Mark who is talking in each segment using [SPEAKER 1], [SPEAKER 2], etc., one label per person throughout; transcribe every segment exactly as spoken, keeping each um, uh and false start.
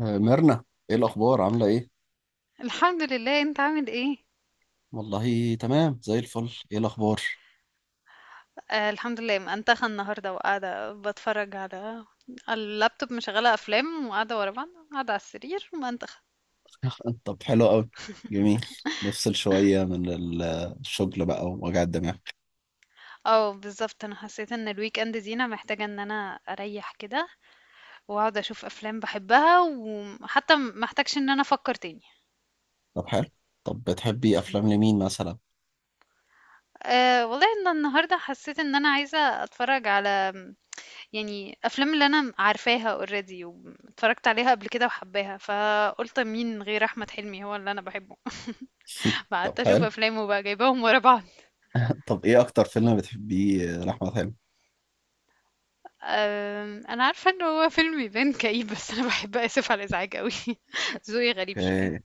[SPEAKER 1] آه، ميرنا. ايه الاخبار؟ عامله ايه؟
[SPEAKER 2] الحمد لله، انت عامل ايه؟
[SPEAKER 1] والله تمام زي الفل. ايه الاخبار؟
[SPEAKER 2] آه، الحمد لله، منتخه النهارده وقاعده بتفرج على اللابتوب، مشغله افلام وقاعده ورا بعض، قاعده على السرير منتخه.
[SPEAKER 1] طب حلو قوي. جميل. نفصل شويه من ال- الشغل بقى ووجع الدماغ.
[SPEAKER 2] اه بالظبط، انا حسيت ان الويك اند دي انا محتاجه ان انا اريح كده واقعد اشوف افلام بحبها، وحتى م- محتاجش ان انا افكر تاني.
[SPEAKER 1] طب حلو. طب بتحبي افلام لمين مثلا؟
[SPEAKER 2] أه والله ان النهارده حسيت ان انا عايزه اتفرج على، يعني، افلام اللي انا عارفاها اوريدي واتفرجت عليها قبل كده وحباها، فقلت مين غير احمد حلمي هو اللي انا بحبه،
[SPEAKER 1] طب
[SPEAKER 2] فقعدت اشوف
[SPEAKER 1] حلو.
[SPEAKER 2] افلامه بقى جايباهم ورا بعض.
[SPEAKER 1] طب ايه اكتر فيلم بتحبيه لاحمد حلمي؟
[SPEAKER 2] أم، انا عارفه ان هو فيلم يبان كئيب، بس انا بحب اسف على الازعاج قوي. ذوقي غريب شويه.
[SPEAKER 1] أوكي.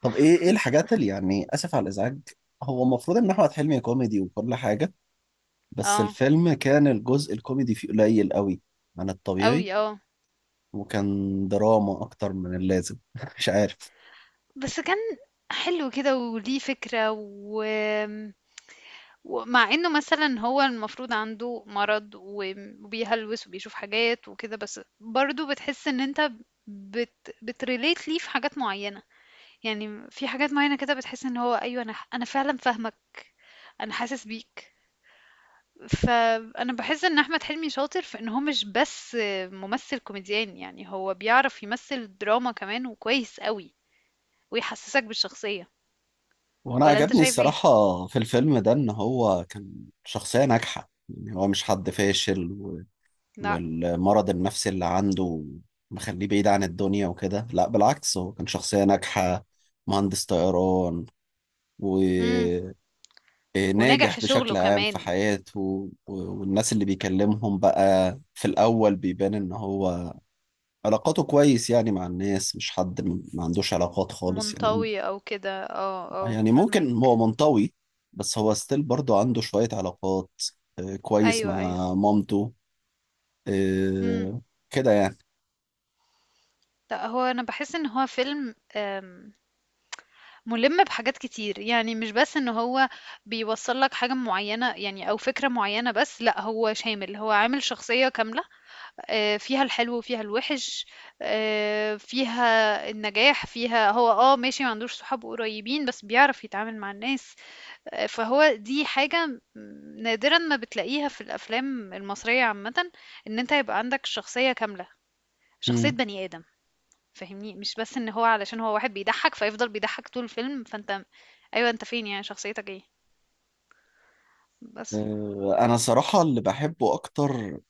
[SPEAKER 1] طب ايه ايه الحاجات اللي يعني اسف على الازعاج؟ هو المفروض ان احمد حلمي كوميدي وكل حاجه، بس
[SPEAKER 2] اه
[SPEAKER 1] الفيلم كان الجزء الكوميدي فيه قليل قوي عن
[SPEAKER 2] قوي
[SPEAKER 1] الطبيعي.
[SPEAKER 2] اه.
[SPEAKER 1] وكان دراما اكتر من اللازم. مش عارف.
[SPEAKER 2] بس كان حلو كده وليه فكره، و... ومع انه مثلا هو المفروض عنده مرض وبيهلوس وبيشوف حاجات وكده، بس برضو بتحس ان انت بت... بتريليت ليه في حاجات معينه. يعني في حاجات معينه كده بتحس ان هو ايوه، انا انا فعلا فاهمك، انا حاسس بيك. فأنا باحس إن أحمد حلمي شاطر في إن هو مش بس ممثل كوميديان، يعني هو بيعرف يمثل دراما كمان وكويس أوي، ويحسسك بالشخصية،
[SPEAKER 1] وانا
[SPEAKER 2] والّا أنت
[SPEAKER 1] عجبني
[SPEAKER 2] شايف إيه؟
[SPEAKER 1] الصراحة في الفيلم ده ان هو كان شخصية ناجحة، يعني هو مش حد فاشل و-
[SPEAKER 2] لأ.
[SPEAKER 1] والمرض النفسي اللي عنده مخليه بعيد عن الدنيا وكده. لا بالعكس، هو كان شخصية ناجحة، مهندس طيران
[SPEAKER 2] إمم،
[SPEAKER 1] وناجح
[SPEAKER 2] وناجح في شغله
[SPEAKER 1] بشكل عام في
[SPEAKER 2] كمان.
[SPEAKER 1] حياته و- والناس اللي بيكلمهم بقى في الأول بيبان ان هو علاقاته كويس، يعني مع الناس مش حد ما عندوش علاقات خالص يعني.
[SPEAKER 2] منطوي أو كده، آه،
[SPEAKER 1] آه،
[SPEAKER 2] آه،
[SPEAKER 1] يعني ممكن
[SPEAKER 2] فاهماك.
[SPEAKER 1] هو منطوي، بس هو ستيل برضه عنده شوية علاقات. آه، كويس
[SPEAKER 2] أيوه، أيوه.
[SPEAKER 1] مع مامته.
[SPEAKER 2] إمم.
[SPEAKER 1] آه، كده يعني.
[SPEAKER 2] لأ، هو أنا باحس إن هو فيلم، آمم، مُلِم بحاجات كتير، يعني مش بس إن هو بيوصّل لك حاجة معيّنة يعني أو فكرة معيّنة بس، لأ هو شامل، هو عامل شخصية كاملة، آآ فيها الحلو وفيها الوِحِش، آآ فيها النجاح، فيها هو آه ماشي ما عندوش صحاب قريبين، بس بيعرف يتعامل مع الناس. آآ فهو دي حاجة م نادرًا ما بتلاقيها في الأفلام المصرية عامةً، إن أنت يبقى عندك شخصية كاملة، شخصية
[SPEAKER 1] مم.
[SPEAKER 2] بني آدم. فاهمني؟ مش بس إن هو علشان هو واحد بيضحّك فيفضل بيضحّك طول الفيلم، فأنت أيوه أنت فين؟ يعني شخصيتك إيه؟ بس.
[SPEAKER 1] آه، أنا صراحة اللي بحبه أكتر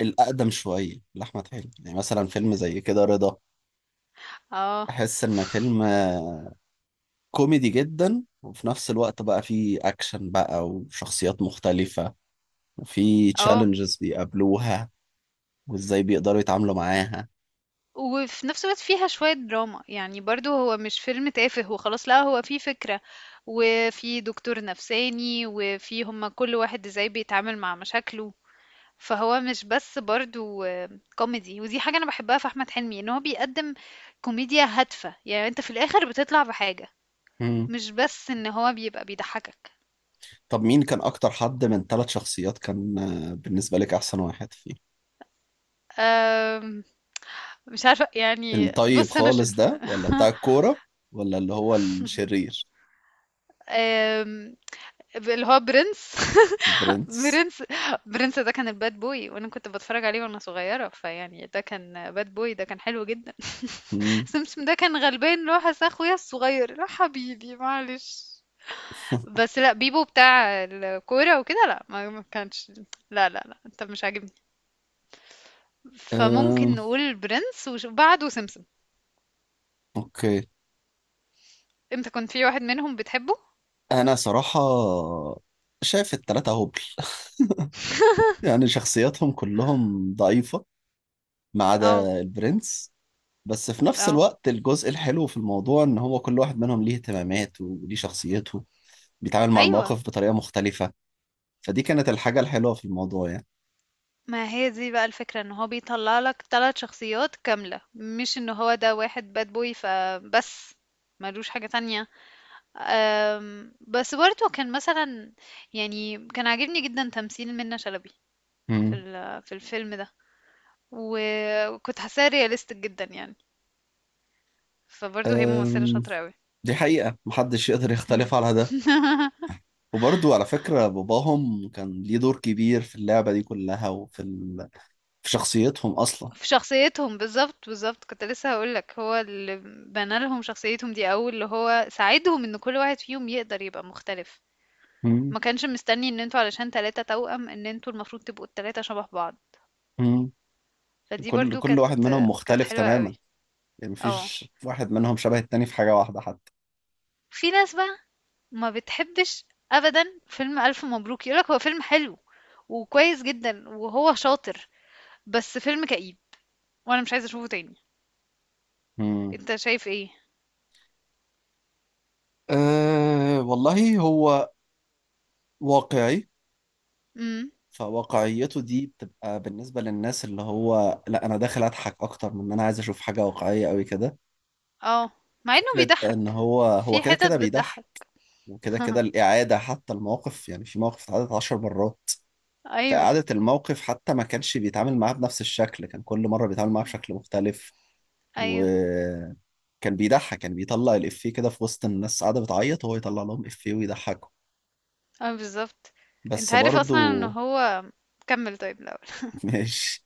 [SPEAKER 1] الأقدم شوية لأحمد حلمي، يعني مثلا فيلم زي كده رضا.
[SPEAKER 2] آه.
[SPEAKER 1] أحس إن فيلم آه، كوميدي جدا، وفي نفس الوقت بقى فيه أكشن بقى وشخصيات مختلفة وفيه
[SPEAKER 2] آه.
[SPEAKER 1] تشالنجز بيقابلوها وإزاي بيقدروا يتعاملوا معاها.
[SPEAKER 2] وفي نفس الوقت فيها شوية دراما، يعني برضو هو مش فيلم تافه وخلاص، لا هو فيه فكرة، وفي دكتور نفساني، وفي هما كل واحد ازاي بيتعامل مع مشاكله. فهو مش بس برضو آه، كوميدي. ودي حاجة انا بحبها في احمد حلمي، ان هو بيقدم كوميديا هادفة، يعني انت في الاخر بتطلع بحاجة،
[SPEAKER 1] مم.
[SPEAKER 2] مش بس ان هو بيبقى بيضحكك.
[SPEAKER 1] طب مين كان اكتر حد من ثلاث شخصيات كان آه، بالنسبة لك احسن واحد فيه؟
[SPEAKER 2] آم، مش عارفة يعني،
[SPEAKER 1] الطيب
[SPEAKER 2] بص انا ش...
[SPEAKER 1] خالص ده، ولا بتاع الكورة، ولا اللي هو الشرير؟
[SPEAKER 2] آم، اللي هو برنس.
[SPEAKER 1] برنس.
[SPEAKER 2] برنس. برنس ده كان الباد بوي، وانا كنت بتفرج عليه وانا صغيرة، فيعني ده كان باد بوي، ده كان حلو جدا.
[SPEAKER 1] مم.
[SPEAKER 2] سمسم ده كان غلبان، اللي هو حس اخويا الصغير، لا حبيبي معلش. بس لا بيبو بتاع الكورة وكده، لا، ما ما كانش، لا لا لا انت مش عاجبني.
[SPEAKER 1] أم،
[SPEAKER 2] فممكن نقول برنس وبعده سمسم.
[SPEAKER 1] اوكي.
[SPEAKER 2] انت كنت في واحد منهم بتحبه؟
[SPEAKER 1] انا صراحة شايف التلاتة هبل، يعني شخصياتهم كلهم ضعيفة ما
[SPEAKER 2] اه.
[SPEAKER 1] عدا البرنس. بس في نفس
[SPEAKER 2] اه.
[SPEAKER 1] الوقت الجزء الحلو في الموضوع ان هو كل واحد منهم ليه اهتمامات وليه شخصيته، بيتعامل مع
[SPEAKER 2] ايوه.
[SPEAKER 1] المواقف بطريقة مختلفة. فدي كانت الحاجة الحلوة في الموضوع يعني.
[SPEAKER 2] ما هي دي بقى الفكرة، ان هو بيطلع لك ثلاث شخصيات كاملة، مش ان هو ده واحد باد بوي فبس، ملوش حاجة تانية. أم، بس برضه كان مثلا، يعني كان عاجبني جدا تمثيل منة شلبي في
[SPEAKER 1] مم.
[SPEAKER 2] ال- في الفيلم ده، و- وكنت حاساها رياليستيك جدا يعني. فبرضه هي ممثلة
[SPEAKER 1] أم،
[SPEAKER 2] شاطرة قوي.
[SPEAKER 1] دي حقيقة محدش يقدر يختلف على ده. وبرضو على فكرة باباهم كان ليه دور كبير في اللعبة دي كلها وفي... ال... في شخصيتهم أصلا.
[SPEAKER 2] في شخصيتهم، بالظبط بالظبط كنت لسه هقولك، هو اللي بنى لهم شخصيتهم دي، أول اللي هو ساعدهم ان كل واحد فيهم يقدر يبقى مختلف.
[SPEAKER 1] مم.
[SPEAKER 2] ما كانش مستني ان انتوا علشان تلاتة توأم ان انتوا المفروض تبقوا التلاتة شبه بعض.
[SPEAKER 1] مم.
[SPEAKER 2] فدي
[SPEAKER 1] كل
[SPEAKER 2] برضو
[SPEAKER 1] كل
[SPEAKER 2] كانت،
[SPEAKER 1] واحد منهم
[SPEAKER 2] كانت
[SPEAKER 1] مختلف
[SPEAKER 2] حلوة قوي.
[SPEAKER 1] تماما، يعني
[SPEAKER 2] اه.
[SPEAKER 1] مفيش واحد منهم شبه التاني في حاجة واحدة حتى.
[SPEAKER 2] في ناس بقى ما بتحبش ابدا فيلم الف مبروك، يقولك هو فيلم حلو وكويس جدا وهو شاطر، بس فيلم كئيب وانا مش عايزة اشوفه تاني.
[SPEAKER 1] مم.
[SPEAKER 2] انت شايف ايه؟
[SPEAKER 1] أه والله هو واقعي.
[SPEAKER 2] امم.
[SPEAKER 1] فواقعيته دي بتبقى بالنسبة للناس اللي هو لا، أنا داخل أضحك أكتر من إن أنا عايز أشوف حاجة واقعية أوي كده.
[SPEAKER 2] اه، مع انه
[SPEAKER 1] فكرة إن
[SPEAKER 2] بيضحك،
[SPEAKER 1] هو هو
[SPEAKER 2] في
[SPEAKER 1] كده
[SPEAKER 2] حتت
[SPEAKER 1] كده بيضحك،
[SPEAKER 2] بتضحك.
[SPEAKER 1] وكده كده الإعادة حتى الموقف، يعني في مواقف اتعادت عشر مرات.
[SPEAKER 2] ايوه.
[SPEAKER 1] فإعادة الموقف حتى ما كانش بيتعامل معاه بنفس الشكل، كان كل مرة بيتعامل معاه بشكل مختلف.
[SPEAKER 2] ايوه.
[SPEAKER 1] وكان بيضحك، كان بيطلع الإفيه كده في وسط الناس قاعدة بتعيط وهو يطلع لهم إفيه ويضحكهم.
[SPEAKER 2] اه بالظبط. انت
[SPEAKER 1] بس
[SPEAKER 2] عارف
[SPEAKER 1] برضه.
[SPEAKER 2] اصلا ان هو، كمل طيب الاول.
[SPEAKER 1] مش،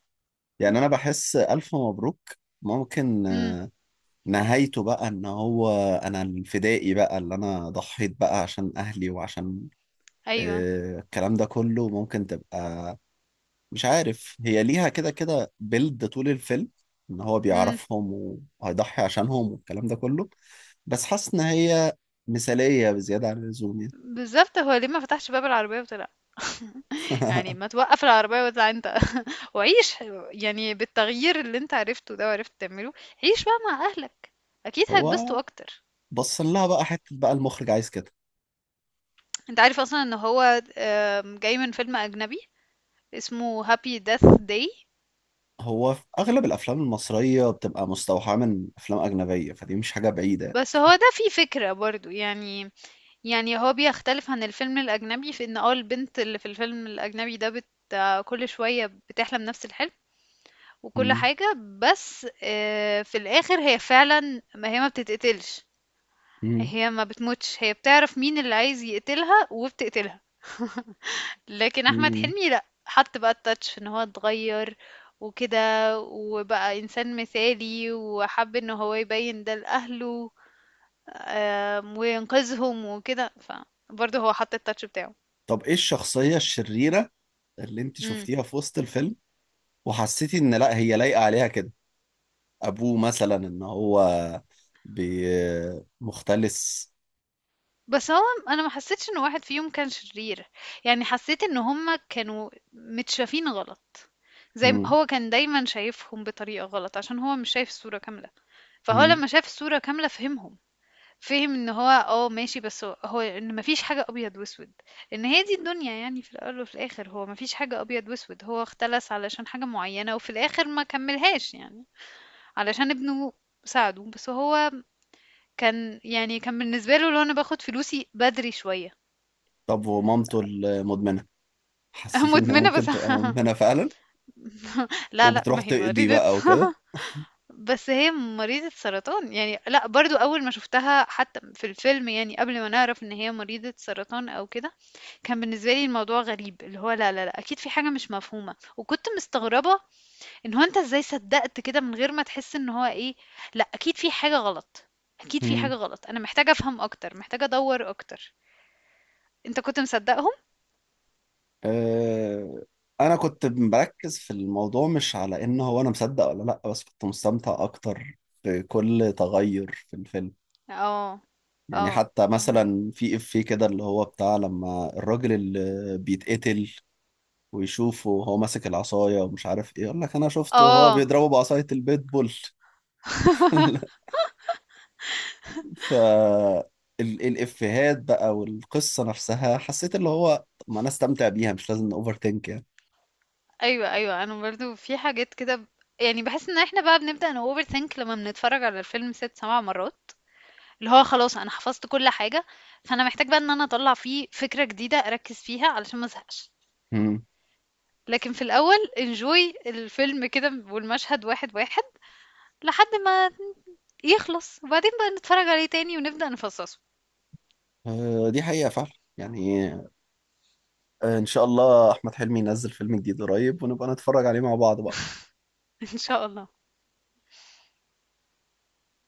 [SPEAKER 1] يعني أنا بحس ألف مبروك ممكن
[SPEAKER 2] امم.
[SPEAKER 1] نهايته بقى إن هو أنا الفدائي بقى اللي أنا ضحيت بقى عشان أهلي وعشان
[SPEAKER 2] ايوه.
[SPEAKER 1] آه، الكلام ده كله ممكن تبقى. مش عارف، هي ليها كده كده بيلد طول الفيلم ان هو بيعرفهم وهيضحي عشانهم والكلام ده كله. بس حاسس ان هي مثالية بزيادة عن اللزوم يعني.
[SPEAKER 2] بالضبط، هو ليه ما فتحش باب العربية وطلع؟ يعني ما توقّف العربية واطلع أنت. وعيش، يعني بالتغيير اللي أنت عرفته ده وعرفت تعمله، عيش بقى مع أهلك، أكيد هيتبسطوا
[SPEAKER 1] هو
[SPEAKER 2] أكتر.
[SPEAKER 1] بص لها بقى حتة بقى المخرج عايز كده.
[SPEAKER 2] أنت عارف أصلًا إن هو، آمم، جاي من فيلم أجنبي اسمه Happy Death Day.
[SPEAKER 1] هو في اغلب الافلام المصرية بتبقى مستوحاة من افلام اجنبية، فدي مش حاجة بعيدة يعني.
[SPEAKER 2] بس هو ده فيه فكرة برضه، يعني، يعني هو بيختلف عن الفيلم الأجنبي في إن، آه، البنت اللي في الفيلم الأجنبي ده بت كل شوية بتحلم نفس الحلم وكل
[SPEAKER 1] مم.
[SPEAKER 2] حاجة، بس آه، في الآخر هي فعلا، ما هي ما بتتقتلش،
[SPEAKER 1] مم.
[SPEAKER 2] هي ما بتموتش، هي بتعرف مين اللي عايز يقتلها وبتقتلها. لكن احمد
[SPEAKER 1] مم.
[SPEAKER 2] حلمي لا، حط بقى التاتش في ان هو اتغير وكده، وبقى انسان مثالي، وحب ان هو يبين ده لاهله، آم، وينقذهم وكده، فبرضه هو حط التاتش بتاعه.
[SPEAKER 1] طب ايه الشخصية الشريرة اللي انت
[SPEAKER 2] امم.
[SPEAKER 1] شفتيها في وسط الفيلم وحسيتي ان لا هي لايقة عليها كده؟ ابوه مثلا ان هو بي مختلس.
[SPEAKER 2] بس هو، انا ما حسيتش ان واحد فيهم كان شرير، يعني حسيت ان هما كانوا متشافين غلط، زي م
[SPEAKER 1] مم.
[SPEAKER 2] هو كان دايمًا شايفهم بطريقة غلط، عشان هو مش شايف الصورة كاملة. فهو
[SPEAKER 1] مم.
[SPEAKER 2] لمّا شاف الصورة كاملة فهمهم، فهم إن هو آه ماشي، بس هو هو إن ما فيش حاجة أبيض وأسود، إن هي دي الدنيا يعني، في الأول وفي الآخر، هو ما فيش حاجة أبيض وأسود، هو اختلس علشان حاجة معينة، وفي الآخر ما كمّلهاش يعني، علشان ابنه ساعده، بس هو كان، يعني كان بالنسبة له اللي هو أنا باخد فلوسي بدري شوية.
[SPEAKER 1] طب ومامته المدمنة، حسيت انها
[SPEAKER 2] مدمنة
[SPEAKER 1] ممكن
[SPEAKER 2] بس.
[SPEAKER 1] تبقى مدمنة فعلا
[SPEAKER 2] لا، لأ،
[SPEAKER 1] وبتروح
[SPEAKER 2] ما هي
[SPEAKER 1] تقضي
[SPEAKER 2] مريضة.
[SPEAKER 1] بقى وكده؟
[SPEAKER 2] بس هي مريضة سرطان، يعني لا، برضو اول ما شفتها حتى في الفيلم، يعني قبل ما نعرف ان هي مريضة سرطان او كده، كان بالنسبة لي الموضوع غريب، اللي هو لا لا لا، اكيد في حاجة مش مفهومة، وكنت مستغربة ان هو انت ازاي صدقت كده، من غير ما تحس ان هو ايه، لا اكيد في حاجة غلط، اكيد في
[SPEAKER 1] مم.
[SPEAKER 2] حاجة غلط، انا محتاجة افهم اكتر، محتاجة ادور اكتر. انت كنت مصدقهم؟
[SPEAKER 1] أه... انا كنت مركز في الموضوع مش على ان هو انا مصدق ولا لا، بس كنت مستمتع اكتر بكل تغير في الفيلم.
[SPEAKER 2] اه.
[SPEAKER 1] يعني
[SPEAKER 2] اه،
[SPEAKER 1] حتى
[SPEAKER 2] فهمك.
[SPEAKER 1] مثلا في افيه كده اللي هو بتاع لما الراجل اللي بيتقتل ويشوفه وهو ماسك العصاية ومش عارف ايه، يقول لك انا شفته وهو
[SPEAKER 2] اه.
[SPEAKER 1] بيضربه بعصاية البيت بول. ف ال- الافيهات بقى والقصة نفسها حسيت اللي هو طب ما انا استمتع بيها مش لازم اوفر ثينك يعني.
[SPEAKER 2] ايوه ايوه، انا برضو في حاجات كده ب... يعني بحس ان احنا بقى بنبدأ ن overthink لما بنتفرج على الفيلم ست سبع مرات، اللي هو خلاص انا حفظت كل حاجة، فانا محتاج بقى ان انا اطلع فيه فكرة جديدة اركز فيها علشان ما ازهقش.
[SPEAKER 1] مم.
[SPEAKER 2] لكن في الاول انجوي الفيلم كده، والمشهد واحد واحد، لحد ما يخلص، وبعدين بقى نتفرج عليه تاني ونبدأ نفصصه.
[SPEAKER 1] آه، دي حقيقة فعلا. يعني آه، ان شاء الله احمد حلمي ينزل فيلم جديد قريب ونبقى نتفرج عليه مع بعض بقى.
[SPEAKER 2] ان شاء الله.